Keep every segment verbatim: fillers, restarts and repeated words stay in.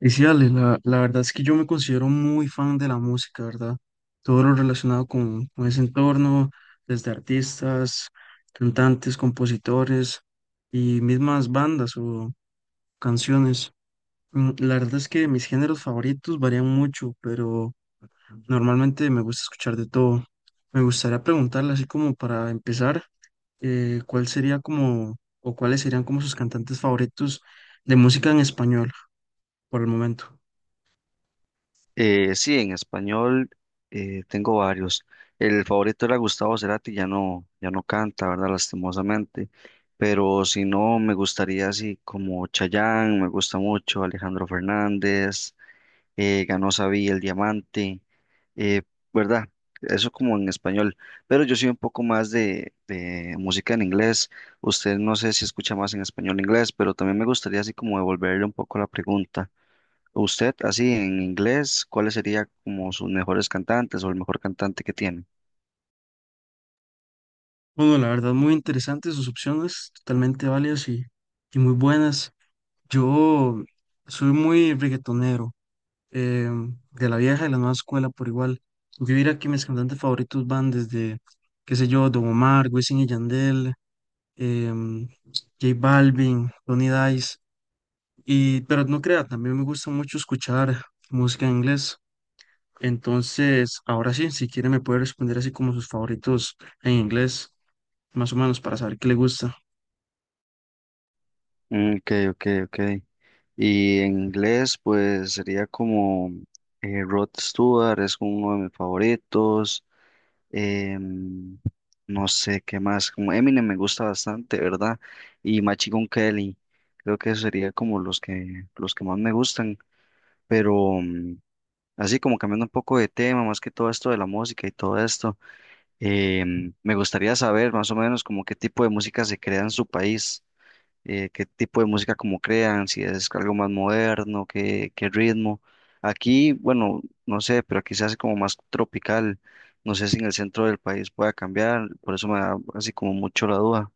Y sí, Ale, la, la verdad es que yo me considero muy fan de la música, ¿verdad? Todo lo relacionado con, con ese entorno, desde artistas, cantantes, compositores y mismas bandas o canciones. Mm, la verdad es que mis géneros favoritos varían mucho, pero normalmente me gusta escuchar de todo. Me gustaría preguntarle, así como para empezar, eh, ¿cuál sería como, o cuáles serían como sus cantantes favoritos de música en español por el momento? Eh, sí, en español eh, tengo varios. El favorito era Gustavo Cerati, ya no, ya no canta, ¿verdad? Lastimosamente. Pero si no, me gustaría así como Chayanne, me gusta mucho, Alejandro Fernández, eh, ganó Sabí el Diamante, eh, ¿verdad? Eso como en español. Pero yo soy un poco más de, de música en inglés. Usted no sé si escucha más en español o inglés, pero también me gustaría así como devolverle un poco la pregunta. Usted, así en inglés, ¿cuáles serían como sus mejores cantantes o el mejor cantante que tiene? Bueno, la verdad, muy interesantes sus opciones, totalmente válidas y, y muy buenas. Yo soy muy reggaetonero, eh, de la vieja y la nueva escuela por igual. Yo diría que mis cantantes favoritos van desde, qué sé yo, Don Omar, Wisin y Yandel, em, J Balvin, Tony Dice. Y, pero no crea, también me gusta mucho escuchar música en inglés. Entonces, ahora sí, si quiere me puede responder así como sus favoritos en inglés, más o menos, para saber qué le gusta. Mm, ok, ok, ok. Y en inglés, pues sería como eh, Rod Stewart, es uno de mis favoritos. em, no sé qué más, como Eminem me gusta bastante, ¿verdad? Y Machine Gun Kelly, creo que eso sería como los que, los que más me gustan. Pero mm, así como cambiando un poco de tema, más que todo esto de la música y todo esto. Em, me gustaría saber más o menos como qué tipo de música se crea en su país, eh, qué tipo de música como crean, si es algo más moderno, qué, qué ritmo. Aquí, bueno, no sé, pero aquí se hace como más tropical. No sé si en el centro del país pueda cambiar, por eso me da así como mucho la duda.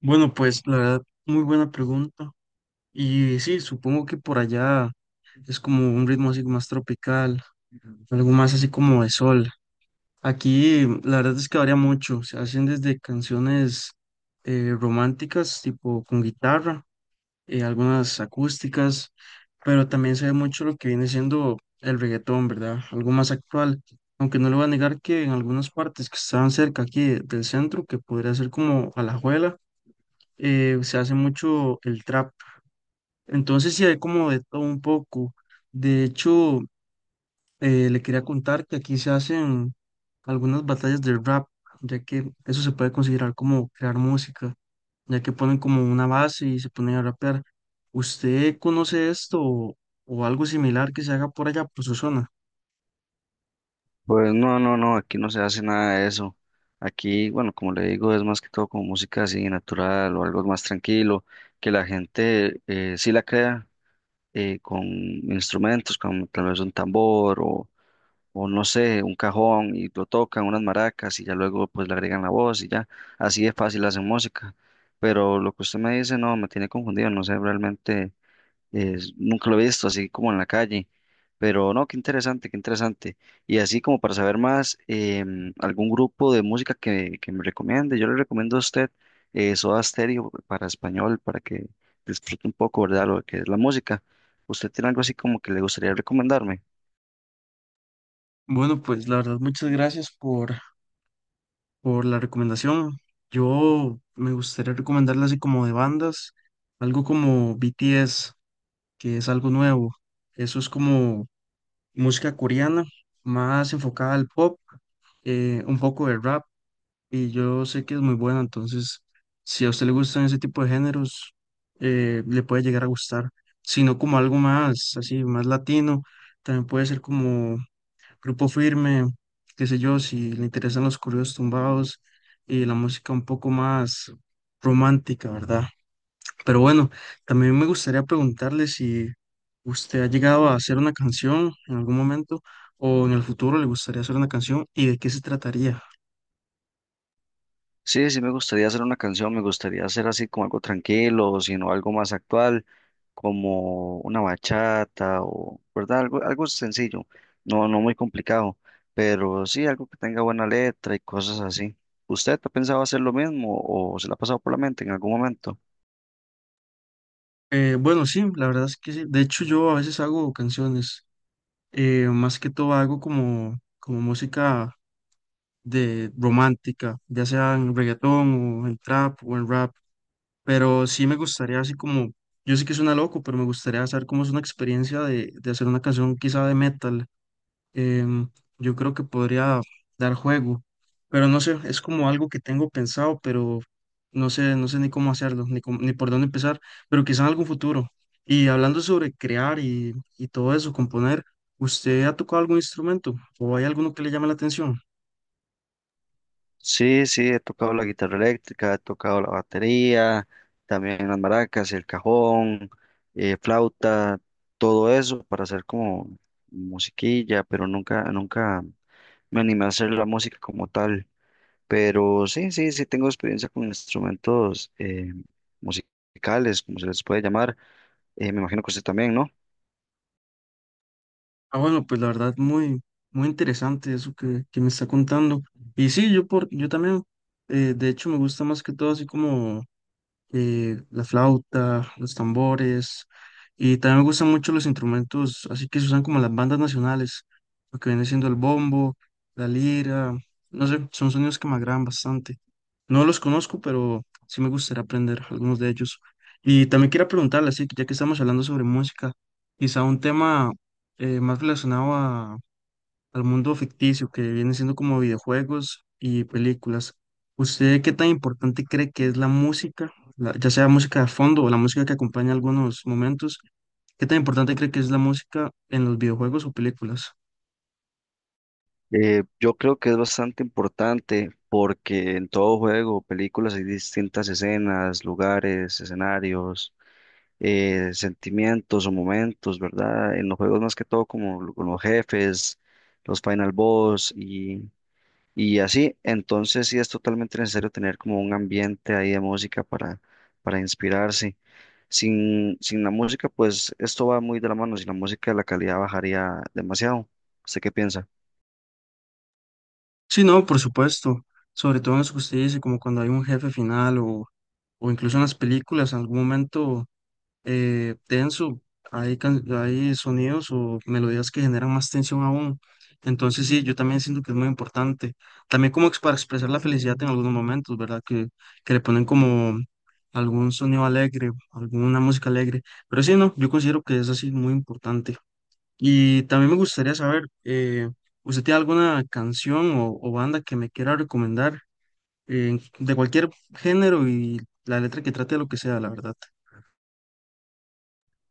Bueno, pues la verdad, muy buena pregunta. Y sí, supongo que por allá es como un ritmo así más tropical, algo más así como de sol. Aquí la verdad es que varía mucho. Se hacen desde canciones eh, románticas, tipo con guitarra, eh, algunas acústicas, pero también se ve mucho lo que viene siendo el reggaetón, ¿verdad? Algo más actual. Aunque no le voy a negar que en algunas partes que estaban cerca aquí de- del centro, que podría ser como Alajuela, eh, se hace mucho el trap. Entonces sí hay como de todo un poco. De hecho, eh, le quería contar que aquí se hacen algunas batallas de rap, ya que eso se puede considerar como crear música, ya que ponen como una base y se ponen a rapear. ¿Usted conoce esto o, o algo similar que se haga por allá, por su zona? Pues no, no, no, aquí no se hace nada de eso. Aquí, bueno, como le digo, es más que todo como música así natural o algo más tranquilo, que la gente eh, sí la crea eh, con instrumentos, como tal vez un tambor o, o no sé, un cajón y lo tocan, unas maracas y ya luego pues le agregan la voz y ya, así de fácil hacen música. Pero lo que usted me dice, no, me tiene confundido, no sé realmente es- nunca lo he visto así como en la calle, pero no, qué interesante, qué interesante. Y así como para saber más, em, algún grupo de música que, que me recomiende, yo le recomiendo a usted eh, Soda Stereo para español, para que disfrute un poco, ¿verdad? Lo que es la música. ¿Usted tiene algo así como que le gustaría recomendarme? Bueno, pues la verdad, muchas gracias por, por la recomendación. Yo me gustaría recomendarle así como de bandas, algo como B T S, que es algo nuevo. Eso es como música coreana, más enfocada al pop, eh, un poco de rap, y yo sé que es muy buena, entonces si a usted le gustan ese tipo de géneros, eh, le puede llegar a gustar, sino como algo más, así, más latino, también puede ser como Grupo Firme, qué sé yo, si le interesan los corridos tumbados y la música un poco más romántica, ¿verdad? Pero bueno, también me gustaría preguntarle si usted ha llegado a hacer una canción en algún momento o en el futuro le gustaría hacer una canción y de qué se trataría. Sí, sí me gustaría hacer una canción, me gustaría hacer así como algo tranquilo, sino algo más actual, como una bachata o, ¿verdad? Algo, algo sencillo, no, no muy complicado, pero sí algo que tenga buena letra y cosas así. ¿Usted ha pensado hacer lo mismo o se le ha pasado por la mente en algún momento? Eh, bueno, sí, la verdad es que sí. De hecho, yo a veces hago canciones, eh, más que todo hago como, como música de romántica, ya sea en reggaetón o en trap o en rap, pero sí me gustaría así como, yo sé que suena loco, pero me gustaría saber cómo es una experiencia de, de hacer una canción quizá de metal. em, yo creo que podría dar juego, pero no sé, es como algo que tengo pensado, pero no sé, no sé ni cómo hacerlo, ni cómo- ni por dónde empezar, pero quizá en algún futuro. Y hablando sobre crear y, y todo eso, componer, ¿usted ha tocado algún instrumento o hay alguno que le llame la atención? Sí, sí, he tocado la guitarra eléctrica, he tocado la batería, también las maracas, el cajón, eh, flauta, todo eso para hacer como musiquilla, pero nunca, nunca me animé a hacer la música como tal. Pero sí, sí, sí tengo experiencia con instrumentos eh, musicales, como se les puede llamar. Eh, me imagino que usted también, ¿no? Ah, bueno, pues la verdad, muy, muy interesante eso que, que me está contando. Y sí, yo, por, yo también, eh, de hecho, me gusta más que todo así como eh, la flauta, los tambores, y también me gustan mucho los instrumentos, así que se usan como en las bandas nacionales, lo que viene siendo el bombo, la lira, no sé, son sonidos que me agradan bastante. No los conozco, pero sí me gustaría aprender algunos de ellos. Y también quiero preguntarle, así que ya que estamos hablando sobre música, quizá un tema eh, más relacionado a al mundo ficticio que viene siendo como videojuegos y películas. ¿Usted qué tan importante cree que es la música, la- ya sea música de fondo o la música que acompaña algunos momentos? ¿Qué tan importante cree que es la música en los videojuegos o películas? Eh, yo creo que es bastante importante porque en todo juego, películas hay distintas escenas, lugares, escenarios eh, sentimientos o momentos, ¿verdad? En los juegos más que todo como lo- con los jefes, los final boss y, y así. Entonces sí es totalmente necesario tener como un ambiente ahí de música para, para inspirarse. Sin, sin la música, pues esto va muy de la mano. Sin la música la calidad bajaría demasiado. ¿Usted qué piensa? Sí, no, por supuesto. Sobre todo en eso que usted dice, como cuando hay un jefe final o, o incluso en las películas, en algún momento eh, tenso, hay, can- hay sonidos o melodías que generan más tensión aún. Entonces sí, yo también siento que es muy importante. También como ex- para expresar la felicidad en algunos momentos, ¿verdad? Que, que le ponen como algún sonido alegre, alguna música alegre. Pero sí, no, yo considero que es así muy importante. Y también me gustaría saber, eh, ¿usted tiene alguna canción o, o banda que me quiera recomendar eh, de cualquier género y la letra que trate de lo que sea, la verdad?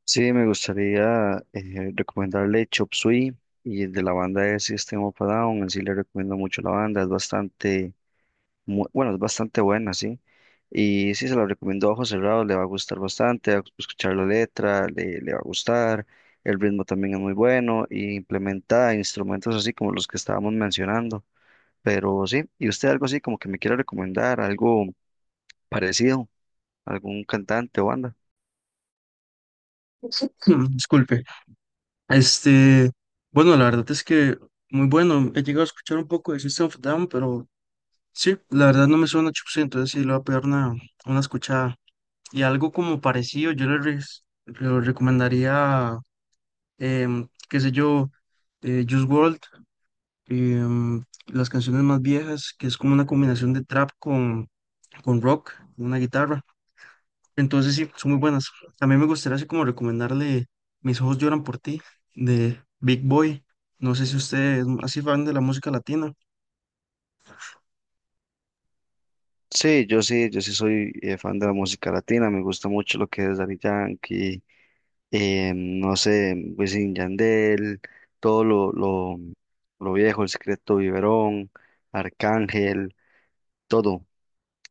Sí, me gustaría eh, recomendarle Chop Suey y de la banda de System of a Down. En sí le recomiendo mucho la banda, es bastante mu- bueno, es bastante buena, sí. Y sí, se la recomiendo a ojos cerrados, le va a gustar bastante, a- escuchar la letra, le, le va a gustar, el ritmo también es muy bueno y implementa instrumentos así como los que estábamos mencionando. Pero sí, ¿y usted algo así como que me quiera recomendar, algo parecido, algún cantante o banda? Disculpe. Este, bueno, la verdad es que muy bueno. He llegado a escuchar un poco de System of a Down, pero sí, la verdad no me suena mucho, sí, entonces sí le voy a pegar una, una escuchada. Y algo como parecido, yo le, re- le recomendaría, em, qué sé yo, eh, Juice world, em, las canciones más viejas, que es como una combinación de trap con, con rock, una guitarra. Entonces sí, son muy buenas. También me gustaría así como recomendarle Mis ojos lloran por ti de Big Boy. No sé si usted es así fan de la música latina. Sí, yo sí, yo sí soy eh, fan de la música latina, me gusta mucho lo que es Daddy Yankee, eh, no sé, Wisin y Yandel, todo lo, lo, lo viejo, El Secreto Viverón Arcángel, todo,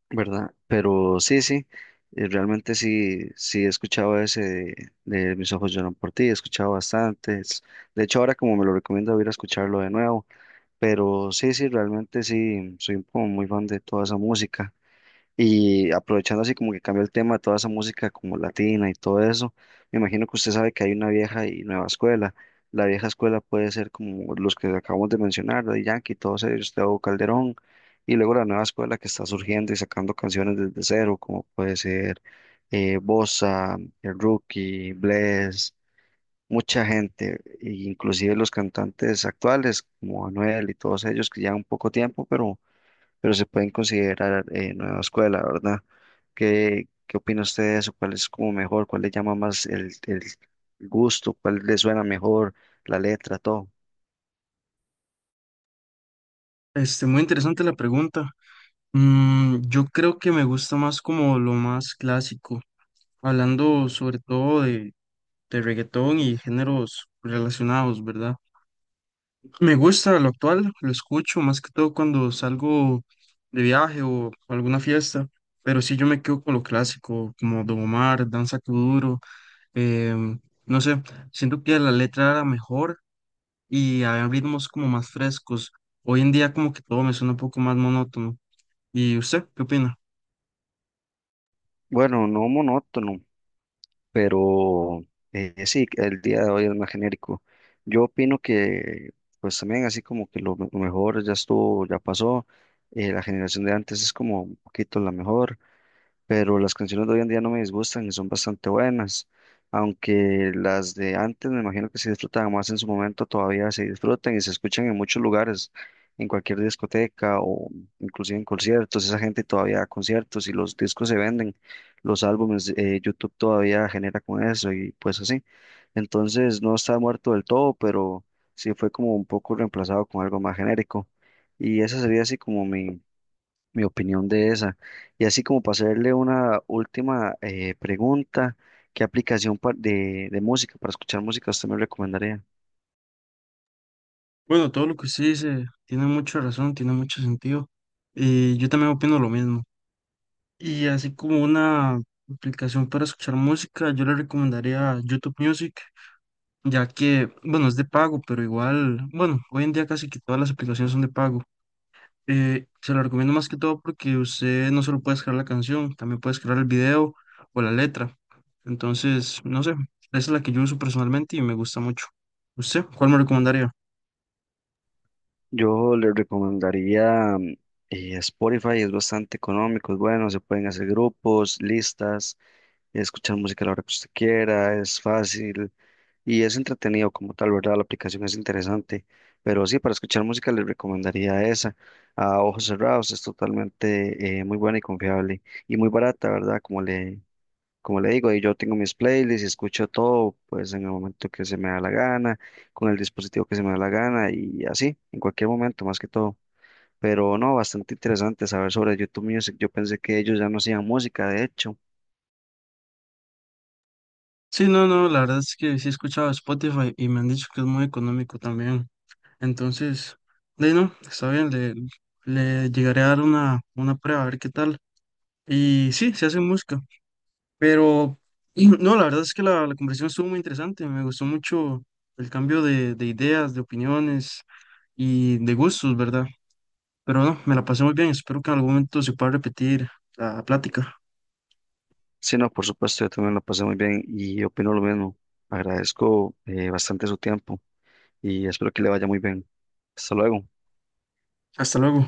¿verdad? Pero sí, sí, eh, realmente sí, sí he escuchado ese de, de Mis ojos lloran por ti, he escuchado bastantes. De hecho, ahora como me lo recomiendo, voy a ir a escucharlo de nuevo. Pero sí, sí, realmente sí, soy como muy fan de toda esa música. Y aprovechando así como que cambió el tema de toda esa música como latina y todo eso, me imagino que usted sabe que hay una vieja y nueva escuela. La vieja escuela puede ser como los que acabamos de mencionar, Daddy Yankee, todos ellos, Teo Calderón, y luego la nueva escuela que está surgiendo y sacando canciones desde cero, como puede ser eh, Bossa, el Rookie, Bless, mucha gente, e inclusive los cantantes actuales como Anuel y todos ellos que llevan poco tiempo, pero pero se pueden considerar eh, nueva escuela, ¿verdad? ¿Qué, qué opina usted de eso? ¿Cuál es como mejor? ¿Cuál le llama más el, el gusto? ¿Cuál le suena mejor? La letra, todo. Este, muy interesante la pregunta. Mm, yo creo que me gusta más como lo más clásico, hablando sobre todo de, de reggaetón y géneros relacionados, ¿verdad? Me gusta lo actual, lo escucho más que todo cuando salgo de viaje o a alguna fiesta, pero sí yo me quedo con lo clásico, como Don Omar, Danza Kuduro, em, no sé, siento que la letra era mejor y había ritmos como más frescos. Hoy en día como que todo me suena un poco más monótono. ¿Y usted qué opina? Bueno, no monótono, pero eh, sí, el día de hoy es más genérico. Yo opino que, pues también así como que lo, me- lo mejor ya estuvo, ya pasó. Eh, la generación de antes es como un poquito la mejor. Pero las canciones de hoy en día no me disgustan y son bastante buenas, aunque las de antes me imagino que se disfrutaban más en su momento, todavía se disfrutan y se escuchan en muchos lugares, en cualquier discoteca o inclusive en conciertos, esa gente todavía da conciertos y los discos se venden, los álbumes, eh, YouTube todavía genera con eso y pues así. Entonces no está muerto del todo, pero sí fue como un poco reemplazado con algo más genérico. Y esa sería así como mi mi opinión de esa. Y así como para hacerle una última eh, pregunta, ¿qué aplicación pa- de, de música, para escuchar música, usted me recomendaría? Bueno, todo lo que usted dice tiene mucha razón, tiene mucho sentido. Y yo también opino lo mismo. Y así como una aplicación para escuchar música, yo le recomendaría YouTube Music, ya que, bueno, es de pago, pero igual, bueno, hoy en día casi que todas las aplicaciones son de pago. Eh, se lo recomiendo más que todo porque usted no solo puede crear la canción, también puede crear el video o la letra. Entonces, no sé, esa es la que yo uso personalmente y me gusta mucho. ¿Usted cuál me recomendaría? Yo le recomendaría mm, eh, Spotify, es bastante económico, es bueno, se pueden hacer grupos, listas, escuchar música a la hora que usted quiera, es fácil. Y es entretenido como tal, ¿verdad? La aplicación es interesante, pero sí, para escuchar música les recomendaría esa. A ojos cerrados es totalmente eh, muy buena y confiable y muy barata, ¿verdad? Como le, como le digo, y yo tengo mis playlists y escucho todo, pues en el momento que se me da la gana, con el dispositivo que se me da la gana y así, en cualquier momento, más que todo. Pero no, bastante interesante saber sobre YouTube Music. Yo pensé que ellos ya no hacían música, de hecho. Sí, no, no, la verdad es que sí he escuchado Spotify y me han dicho que es muy económico también. Entonces, de ahí no, está bien, le, le llegaré a dar una, una prueba a ver qué tal. Y sí, se hace música. Pero y no, la verdad es que la, la conversación estuvo muy interesante. Me gustó mucho el cambio de, de ideas, de opiniones y de gustos, ¿verdad? Pero no, me la pasé muy bien. Espero que en algún momento se pueda repetir la plática. Sí, no, por supuesto, yo también lo pasé muy bien y opino lo mismo. Agradezco eh, bastante su tiempo y espero que le vaya muy bien. Hasta luego. Hasta luego.